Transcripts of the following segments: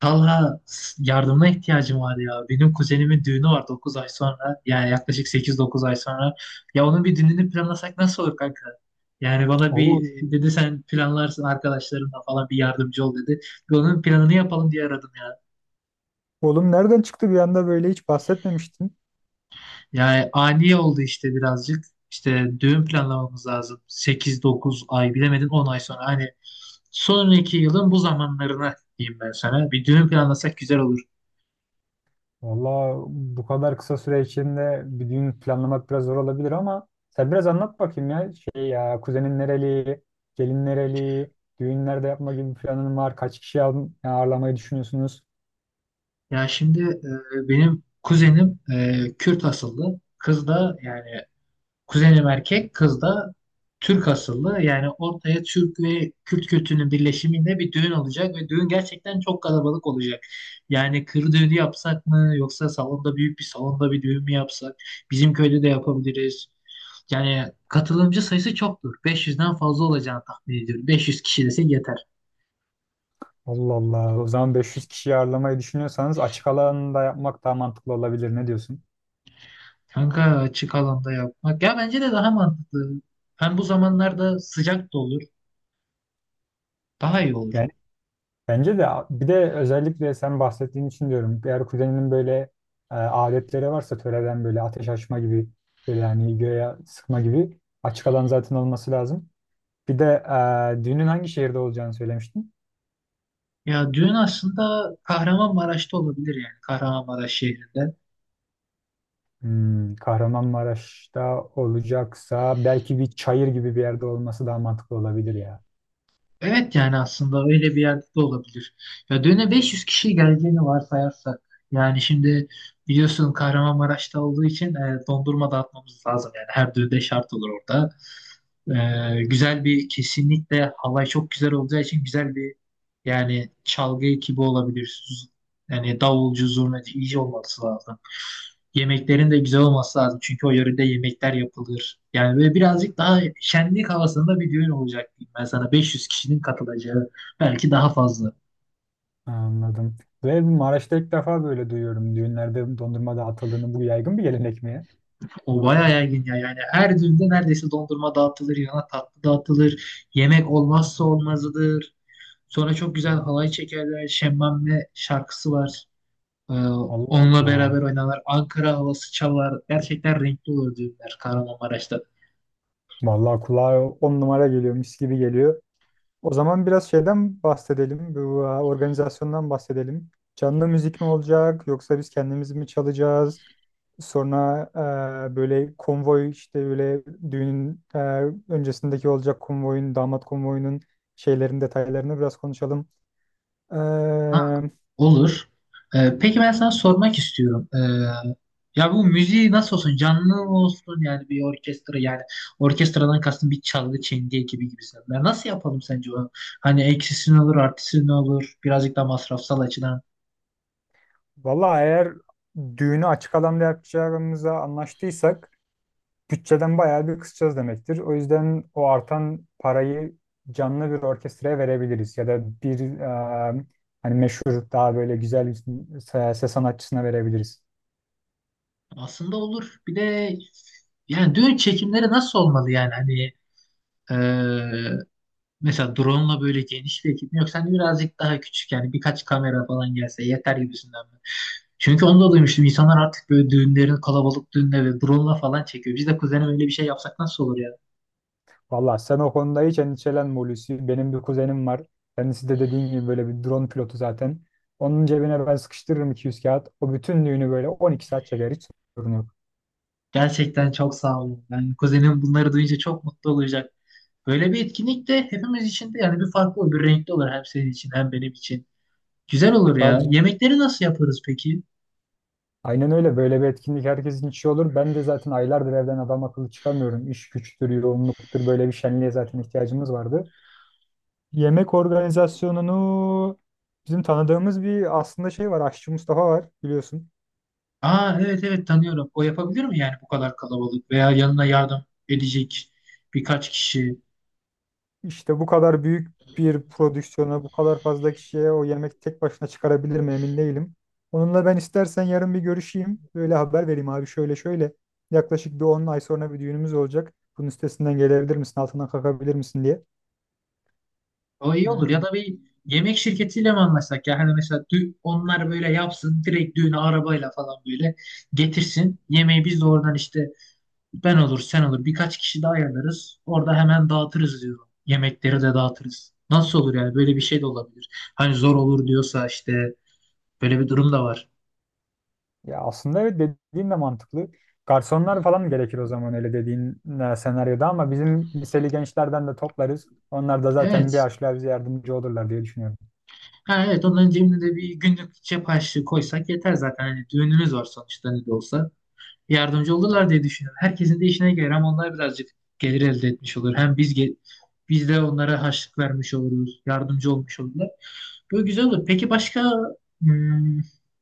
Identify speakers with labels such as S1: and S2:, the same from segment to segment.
S1: Talha yardımına ihtiyacım var ya. Benim kuzenimin düğünü var 9 ay sonra. Yani yaklaşık sekiz dokuz ay sonra. Ya onun bir düğününü planlasak nasıl olur kanka? Yani bana bir
S2: Oğlum,
S1: dedi sen planlarsın arkadaşlarınla falan bir yardımcı ol dedi. Bir onun planını yapalım diye aradım ya.
S2: oğlum, bahsetmemiştin.
S1: Yani ani oldu işte birazcık. İşte düğün planlamamız lazım. Sekiz dokuz ay bilemedin 10 ay sonra. Hani sonraki yılın bu zamanlarına diyeyim ben sana. Bir düğün planlasak güzel olur.
S2: Valla bu kadar kısa süre içinde bir düğün planlamak biraz zor olabilir ama sen biraz anlat bakayım ya. Şey ya kuzenin nereli, gelin nereli, düğün nerede yapma gibi bir planın var. Kaç kişi ağırlamayı düşünüyorsunuz?
S1: Ya şimdi benim kuzenim Kürt asıllı. Kız da yani kuzenim erkek, kız da Türk asıllı. Yani ortaya Türk ve Kürt kültürünün birleşiminde bir düğün olacak ve düğün gerçekten çok kalabalık olacak. Yani kır düğünü yapsak mı yoksa salonda büyük bir salonda bir düğün mü yapsak? Bizim köyde de yapabiliriz. Yani katılımcı sayısı çoktur. 500'den fazla olacağını tahmin ediyorum. 500 kişi desek yeter.
S2: Allah Allah. O zaman 500 kişi ağırlamayı düşünüyorsanız açık alanda yapmak daha mantıklı olabilir. Ne diyorsun?
S1: Kanka açık alanda yapmak. Ya bence de daha mantıklı. Hem bu zamanlarda sıcak da olur. Daha iyi olur.
S2: Yani bence de, bir de özellikle sen bahsettiğin için diyorum. Eğer kuzeninin böyle adetleri varsa töreden böyle ateş açma gibi, böyle hani göğe sıkma gibi, açık alan zaten olması lazım. Bir de düğünün hangi şehirde olacağını söylemiştin.
S1: Ya düğün aslında Kahramanmaraş'ta olabilir yani. Kahramanmaraş şehrinde.
S2: Hmm, Kahramanmaraş'ta olacaksa belki bir çayır gibi bir yerde olması daha mantıklı olabilir ya.
S1: Evet yani aslında öyle bir yerde de olabilir. Ya düğüne 500 kişi geleceğini varsayarsak. Yani şimdi biliyorsun Kahramanmaraş'ta olduğu için dondurma dağıtmamız lazım. Yani her düğünde şart olur orada. Güzel bir kesinlikle hava çok güzel olacağı için güzel bir yani çalgı ekibi olabilir. Yani davulcu, zurnacı iyice olması lazım. Yemeklerin de güzel olması lazım. Çünkü o yörede yemekler yapılır. Yani böyle birazcık daha şenlik havasında bir düğün olacak diyeyim ben sana. 500 kişinin katılacağı belki daha fazla.
S2: Anladım. Ve Maraş'ta ilk defa böyle duyuyorum. Düğünlerde dondurma dağıtıldığını, bu yaygın bir gelenek mi ya?
S1: O bayağı yaygın ya. Yani her düğünde neredeyse dondurma dağıtılır, yana tatlı dağıtılır. Yemek olmazsa olmazıdır. Sonra çok güzel
S2: Hmm.
S1: halay çekerler. Şemmame şarkısı var. Ee,
S2: Allah
S1: onunla
S2: Allah.
S1: beraber oynanır. Ankara havası çalar. Gerçekten renkli olur düğünler Kahramanmaraş'ta.
S2: Vallahi kulağa on numara geliyor, mis gibi geliyor. O zaman biraz şeyden bahsedelim, bu organizasyondan bahsedelim. Canlı müzik mi olacak, yoksa biz kendimiz mi çalacağız? Sonra böyle konvoy, işte böyle düğünün, öncesindeki olacak konvoyun, damat konvoyunun şeylerin detaylarını biraz konuşalım. E,
S1: Ha, olur. Peki ben sana sormak istiyorum. Ya bu müziği nasıl olsun? Canlı mı olsun? Yani bir orkestra yani orkestradan kastım bir çalgı çengi ekibi gibisinden. Nasıl yapalım sence onu? Hani eksisi ne olur, artısı ne olur? Birazcık daha masrafsal açıdan.
S2: vallahi eğer düğünü açık alanda yapacağımıza anlaştıysak bütçeden bayağı bir kısacağız demektir. O yüzden o artan parayı canlı bir orkestraya verebiliriz ya da bir e, hani meşhur daha böyle güzel bir ses sanatçısına verebiliriz.
S1: Aslında olur. Bir de yani düğün çekimleri nasıl olmalı yani? Hani ee, Mesela drone'la böyle geniş bir ekip mi yok? Sen birazcık daha küçük yani birkaç kamera falan gelse yeter gibisinden mi? Çünkü onu da duymuştum. İnsanlar artık böyle düğünlerini kalabalık düğünle ve drone'la falan çekiyor. Biz de kuzenim öyle bir şey yapsak nasıl olur ya?
S2: Valla sen o konuda hiç endişelenme, Hulusi. Benim bir kuzenim var. Kendisi de dediğin gibi böyle bir drone pilotu zaten. Onun cebine ben sıkıştırırım 200 kağıt. O bütün düğünü böyle 12 saat çeker. Hiç sorun yok.
S1: Gerçekten çok sağ olun. Yani kuzenim bunları duyunca çok mutlu olacak. Böyle bir etkinlik de hepimiz için de yani bir farklı olur, bir renkli olur hem senin için hem benim için. Güzel olur ya.
S2: Tabii,
S1: Yemekleri nasıl yaparız peki?
S2: aynen öyle. Böyle bir etkinlik herkesin içi olur. Ben de zaten aylardır evden adam akıllı çıkamıyorum. İş güçtür, yoğunluktur. Böyle bir şenliğe zaten ihtiyacımız vardı. Yemek organizasyonunu bizim tanıdığımız bir aslında şey var. Aşçı Mustafa var, biliyorsun.
S1: Aa, evet evet tanıyorum. O yapabilir mi yani bu kadar kalabalık veya yanına yardım edecek birkaç kişi?
S2: İşte bu kadar büyük bir prodüksiyona, bu kadar fazla kişiye o yemek tek başına çıkarabilir mi, emin değilim. Onunla ben istersen yarın bir görüşeyim. Böyle haber vereyim, abi şöyle şöyle. Yaklaşık bir 10 ay sonra bir düğünümüz olacak. Bunun üstesinden gelebilir misin, altından kalkabilir misin diye.
S1: O iyi olur ya
S2: Ee,
S1: da bir yemek şirketiyle mi anlaşsak ya? Hani mesela onlar böyle yapsın direkt düğünü arabayla falan böyle getirsin. Yemeği biz de oradan işte ben olur sen olur birkaç kişi daha ayarlarız. Orada hemen dağıtırız diyorum. Yemekleri de dağıtırız. Nasıl olur yani böyle bir şey de olabilir. Hani zor olur diyorsa işte böyle bir durum da var.
S2: Ya aslında evet, dediğin de mantıklı. Garsonlar falan gerekir o zaman öyle dediğin senaryoda ama bizim liseli gençlerden de toplarız. Onlar da zaten bir
S1: Evet.
S2: harçlığa bize yardımcı olurlar diye düşünüyorum.
S1: Ha, evet onların cebine de bir günlük cep harçlığı koysak yeter zaten. Hani düğünümüz var sonuçta ne de olsa. Yardımcı olurlar diye düşünüyorum. Herkesin de işine gelir hem onlar birazcık gelir elde etmiş olur. Hem biz biz de onlara harçlık vermiş oluruz. Yardımcı olmuş olurlar. Böyle güzel olur. Peki başka hmm,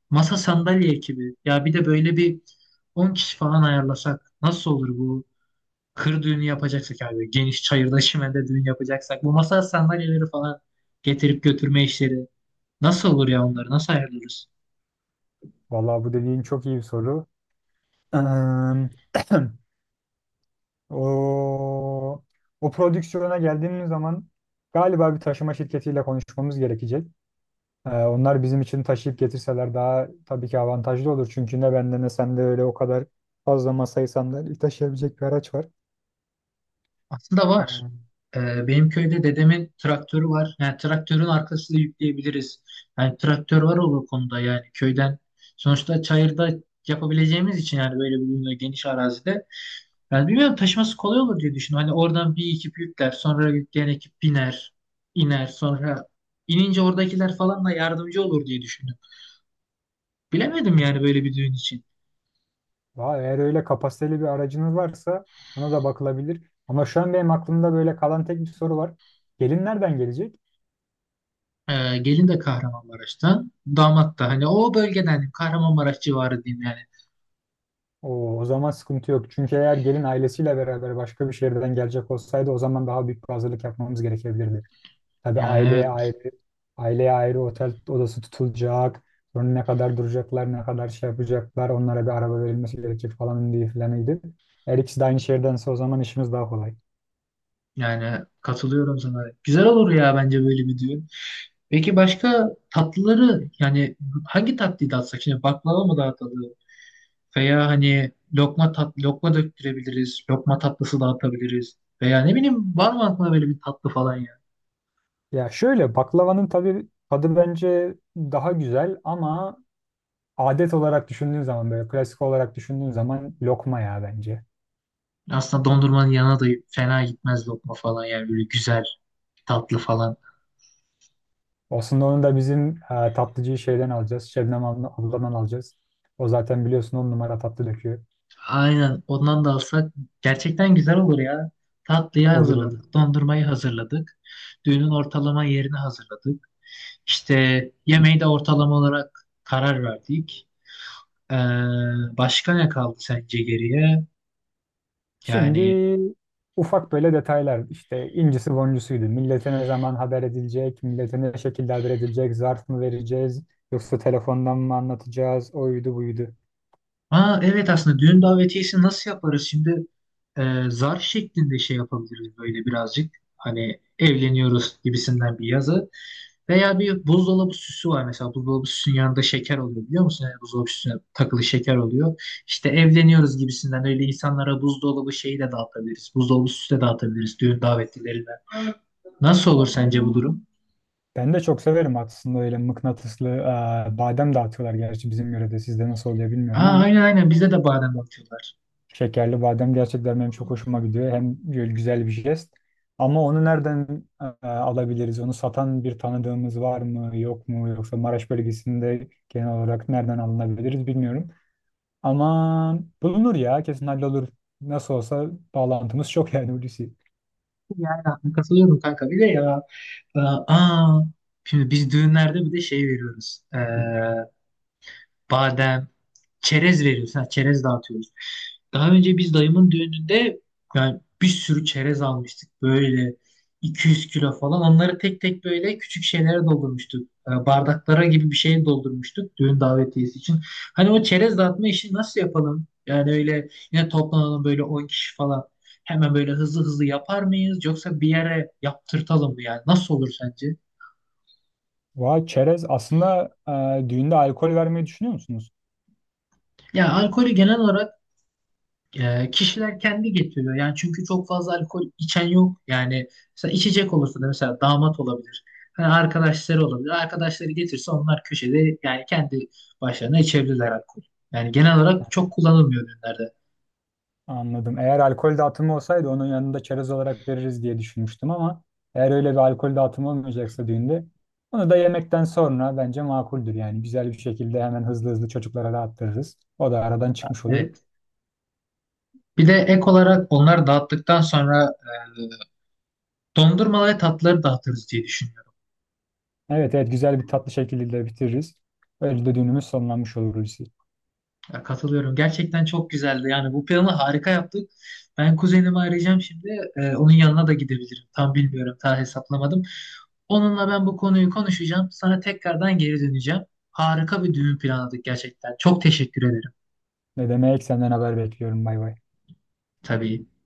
S1: masa sandalye ekibi. Ya bir de böyle bir 10 kişi falan ayarlasak nasıl olur bu? Kır düğünü yapacaksak abi. Geniş çayırda çimende düğün yapacaksak. Bu masa sandalyeleri falan getirip götürme işleri. Nasıl olur ya onları? Nasıl ayarlarız?
S2: Vallahi bu dediğin çok iyi bir soru. Eee, o, o prodüksiyona geldiğimiz zaman galiba bir taşıma şirketiyle konuşmamız gerekecek. Onlar bizim için taşıyıp getirseler daha tabii ki avantajlı olur. Çünkü ne bende ne sende öyle o kadar fazla masayı sandalyeyi taşıyabilecek bir araç var.
S1: Aslında var. Benim köyde dedemin traktörü var. Yani traktörün arkasını yükleyebiliriz. Yani traktör var o konuda yani köyden. Sonuçta çayırda yapabileceğimiz için yani böyle bir ürünü geniş arazide. Yani bilmiyorum taşıması kolay olur diye düşünüyorum. Hani oradan bir ekip yükler. Sonra yükleyen ekip biner. İner. Sonra inince oradakiler falan da yardımcı olur diye düşündüm. Bilemedim yani
S2: Eee,
S1: böyle bir düğün için.
S2: Valla eğer öyle kapasiteli bir aracınız varsa ona da bakılabilir. Ama şu an benim aklımda böyle kalan tek bir soru var. Gelin nereden gelecek?
S1: Gelin de Kahramanmaraş'tan. Damat da hani o bölgeden hani Kahramanmaraş civarı diyeyim yani.
S2: O zaman sıkıntı yok. Çünkü eğer gelin ailesiyle beraber başka bir şehirden gelecek olsaydı, o zaman daha büyük bir hazırlık yapmamız gerekebilirdi. Tabii
S1: Yani evet.
S2: aileye ayrı otel odası tutulacak. Sonra ne kadar duracaklar, ne kadar şey yapacaklar, onlara bir araba verilmesi gerekecek falan diye filanıydı. Eğer ikisi de aynı şehirdense o zaman işimiz daha kolay.
S1: Yani katılıyorum sana. Güzel olur ya bence böyle bir düğün. Peki başka tatlıları yani hangi tatlıyı dağıtsak? Şimdi baklava mı dağıtalım? Veya hani lokma döktürebiliriz. Lokma tatlısı dağıtabiliriz. Veya ne bileyim var mı aklına böyle bir tatlı falan ya?
S2: Ya şöyle, baklavanın tabii tadı bence daha güzel ama adet olarak düşündüğün zaman, böyle klasik olarak düşündüğün zaman, lokma ya bence.
S1: Aslında dondurmanın yanına da fena gitmez lokma falan yani böyle güzel tatlı falan.
S2: Aslında onu da bizim tatlıcıyı şeyden alacağız. Abladan alacağız. O zaten biliyorsun on numara tatlı döküyor.
S1: Aynen ondan da alsak gerçekten güzel olur ya. Tatlıyı
S2: Olur olur.
S1: hazırladık, dondurmayı hazırladık, düğünün ortalama yerini hazırladık. İşte yemeği de ortalama olarak karar verdik. Ee, başka ne kaldı sence geriye? Yani.
S2: Şimdi ufak böyle detaylar işte, incisi boncusuydu. Millete ne zaman haber edilecek, millete ne şekilde haber edilecek, zarf mı vereceğiz yoksa telefondan mı anlatacağız, oydu buydu.
S1: Aa, evet aslında düğün davetiyesi nasıl yaparız? Şimdi zarf şeklinde şey yapabiliriz böyle birazcık. Hani evleniyoruz gibisinden bir yazı. Veya bir buzdolabı süsü var mesela. Buzdolabı süsünün yanında şeker oluyor biliyor musun? Yani buzdolabı süsüne takılı şeker oluyor. İşte evleniyoruz gibisinden öyle insanlara buzdolabı şeyi de dağıtabiliriz. Buzdolabı süsü de dağıtabiliriz düğün davetlilerine. Nasıl olur sence bu durum?
S2: Ben de çok severim aslında öyle mıknatıslı, badem dağıtıyorlar gerçi bizim yörede, sizde nasıl oluyor bilmiyorum
S1: Aa,
S2: ama
S1: aynen aynen bizde de badem dağıtıyorlar.
S2: şekerli badem gerçekten benim çok hoşuma gidiyor. Hem böyle güzel bir jest ama onu nereden alabiliriz? Onu satan bir tanıdığımız var mı yok mu, yoksa Maraş bölgesinde genel olarak nereden alınabiliriz bilmiyorum. Ama bulunur ya, kesin hallolur. Nasıl olsa bağlantımız çok yani, Hulusi.
S1: Yani katılıyorum kanka bir de ya. e, Aa, şimdi biz düğünlerde bir de şey veriyoruz. Badem, çerez veriyoruz. Ha, çerez dağıtıyoruz. Daha önce biz dayımın düğününde yani bir sürü çerez almıştık. Böyle 200 kilo falan. Onları tek tek böyle küçük şeylere doldurmuştuk. Bardaklara gibi bir şeye doldurmuştuk düğün davetiyesi için. Hani o çerez dağıtma işini nasıl yapalım? Yani öyle yine toplanalım böyle 10 kişi falan. Hemen böyle hızlı hızlı yapar mıyız? Yoksa bir yere yaptırtalım mı yani? Nasıl olur sence?
S2: Vay, çerez aslında düğünde alkol vermeyi düşünüyor musunuz?
S1: Ya alkolü genel olarak kişiler kendi getiriyor. Yani çünkü çok fazla alkol içen yok. Yani mesela içecek olursa da mesela damat olabilir. Hani arkadaşları olabilir. Arkadaşları getirse onlar köşede yani kendi başlarına içebilirler alkol. Yani genel olarak çok kullanılmıyor düğünlerde.
S2: Anladım. Eğer alkol dağıtımı olsaydı onun yanında çerez olarak veririz diye düşünmüştüm ama eğer öyle bir alkol dağıtımı olmayacaksa düğünde, onu da yemekten sonra bence makuldür yani. Güzel bir şekilde hemen hızlı hızlı çocuklara dağıttırırız. O da aradan çıkmış olur.
S1: Evet. Bir de ek olarak onları dağıttıktan sonra dondurma ve tatlıları dağıtırız diye düşünüyorum.
S2: Evet, evet, güzel bir tatlı şekilde bitiririz. Öyle de düğünümüz sonlanmış olur, Hulusi.
S1: Ya katılıyorum. Gerçekten çok güzeldi. Yani bu planı harika yaptık. Ben kuzenimi arayacağım şimdi. Onun yanına da gidebilirim. Tam bilmiyorum. Daha hesaplamadım. Onunla ben bu konuyu konuşacağım. Sana tekrardan geri döneceğim. Harika bir düğün planladık gerçekten. Çok teşekkür ederim.
S2: Ne demek, senden haber bekliyorum, bay bay.
S1: Tabii.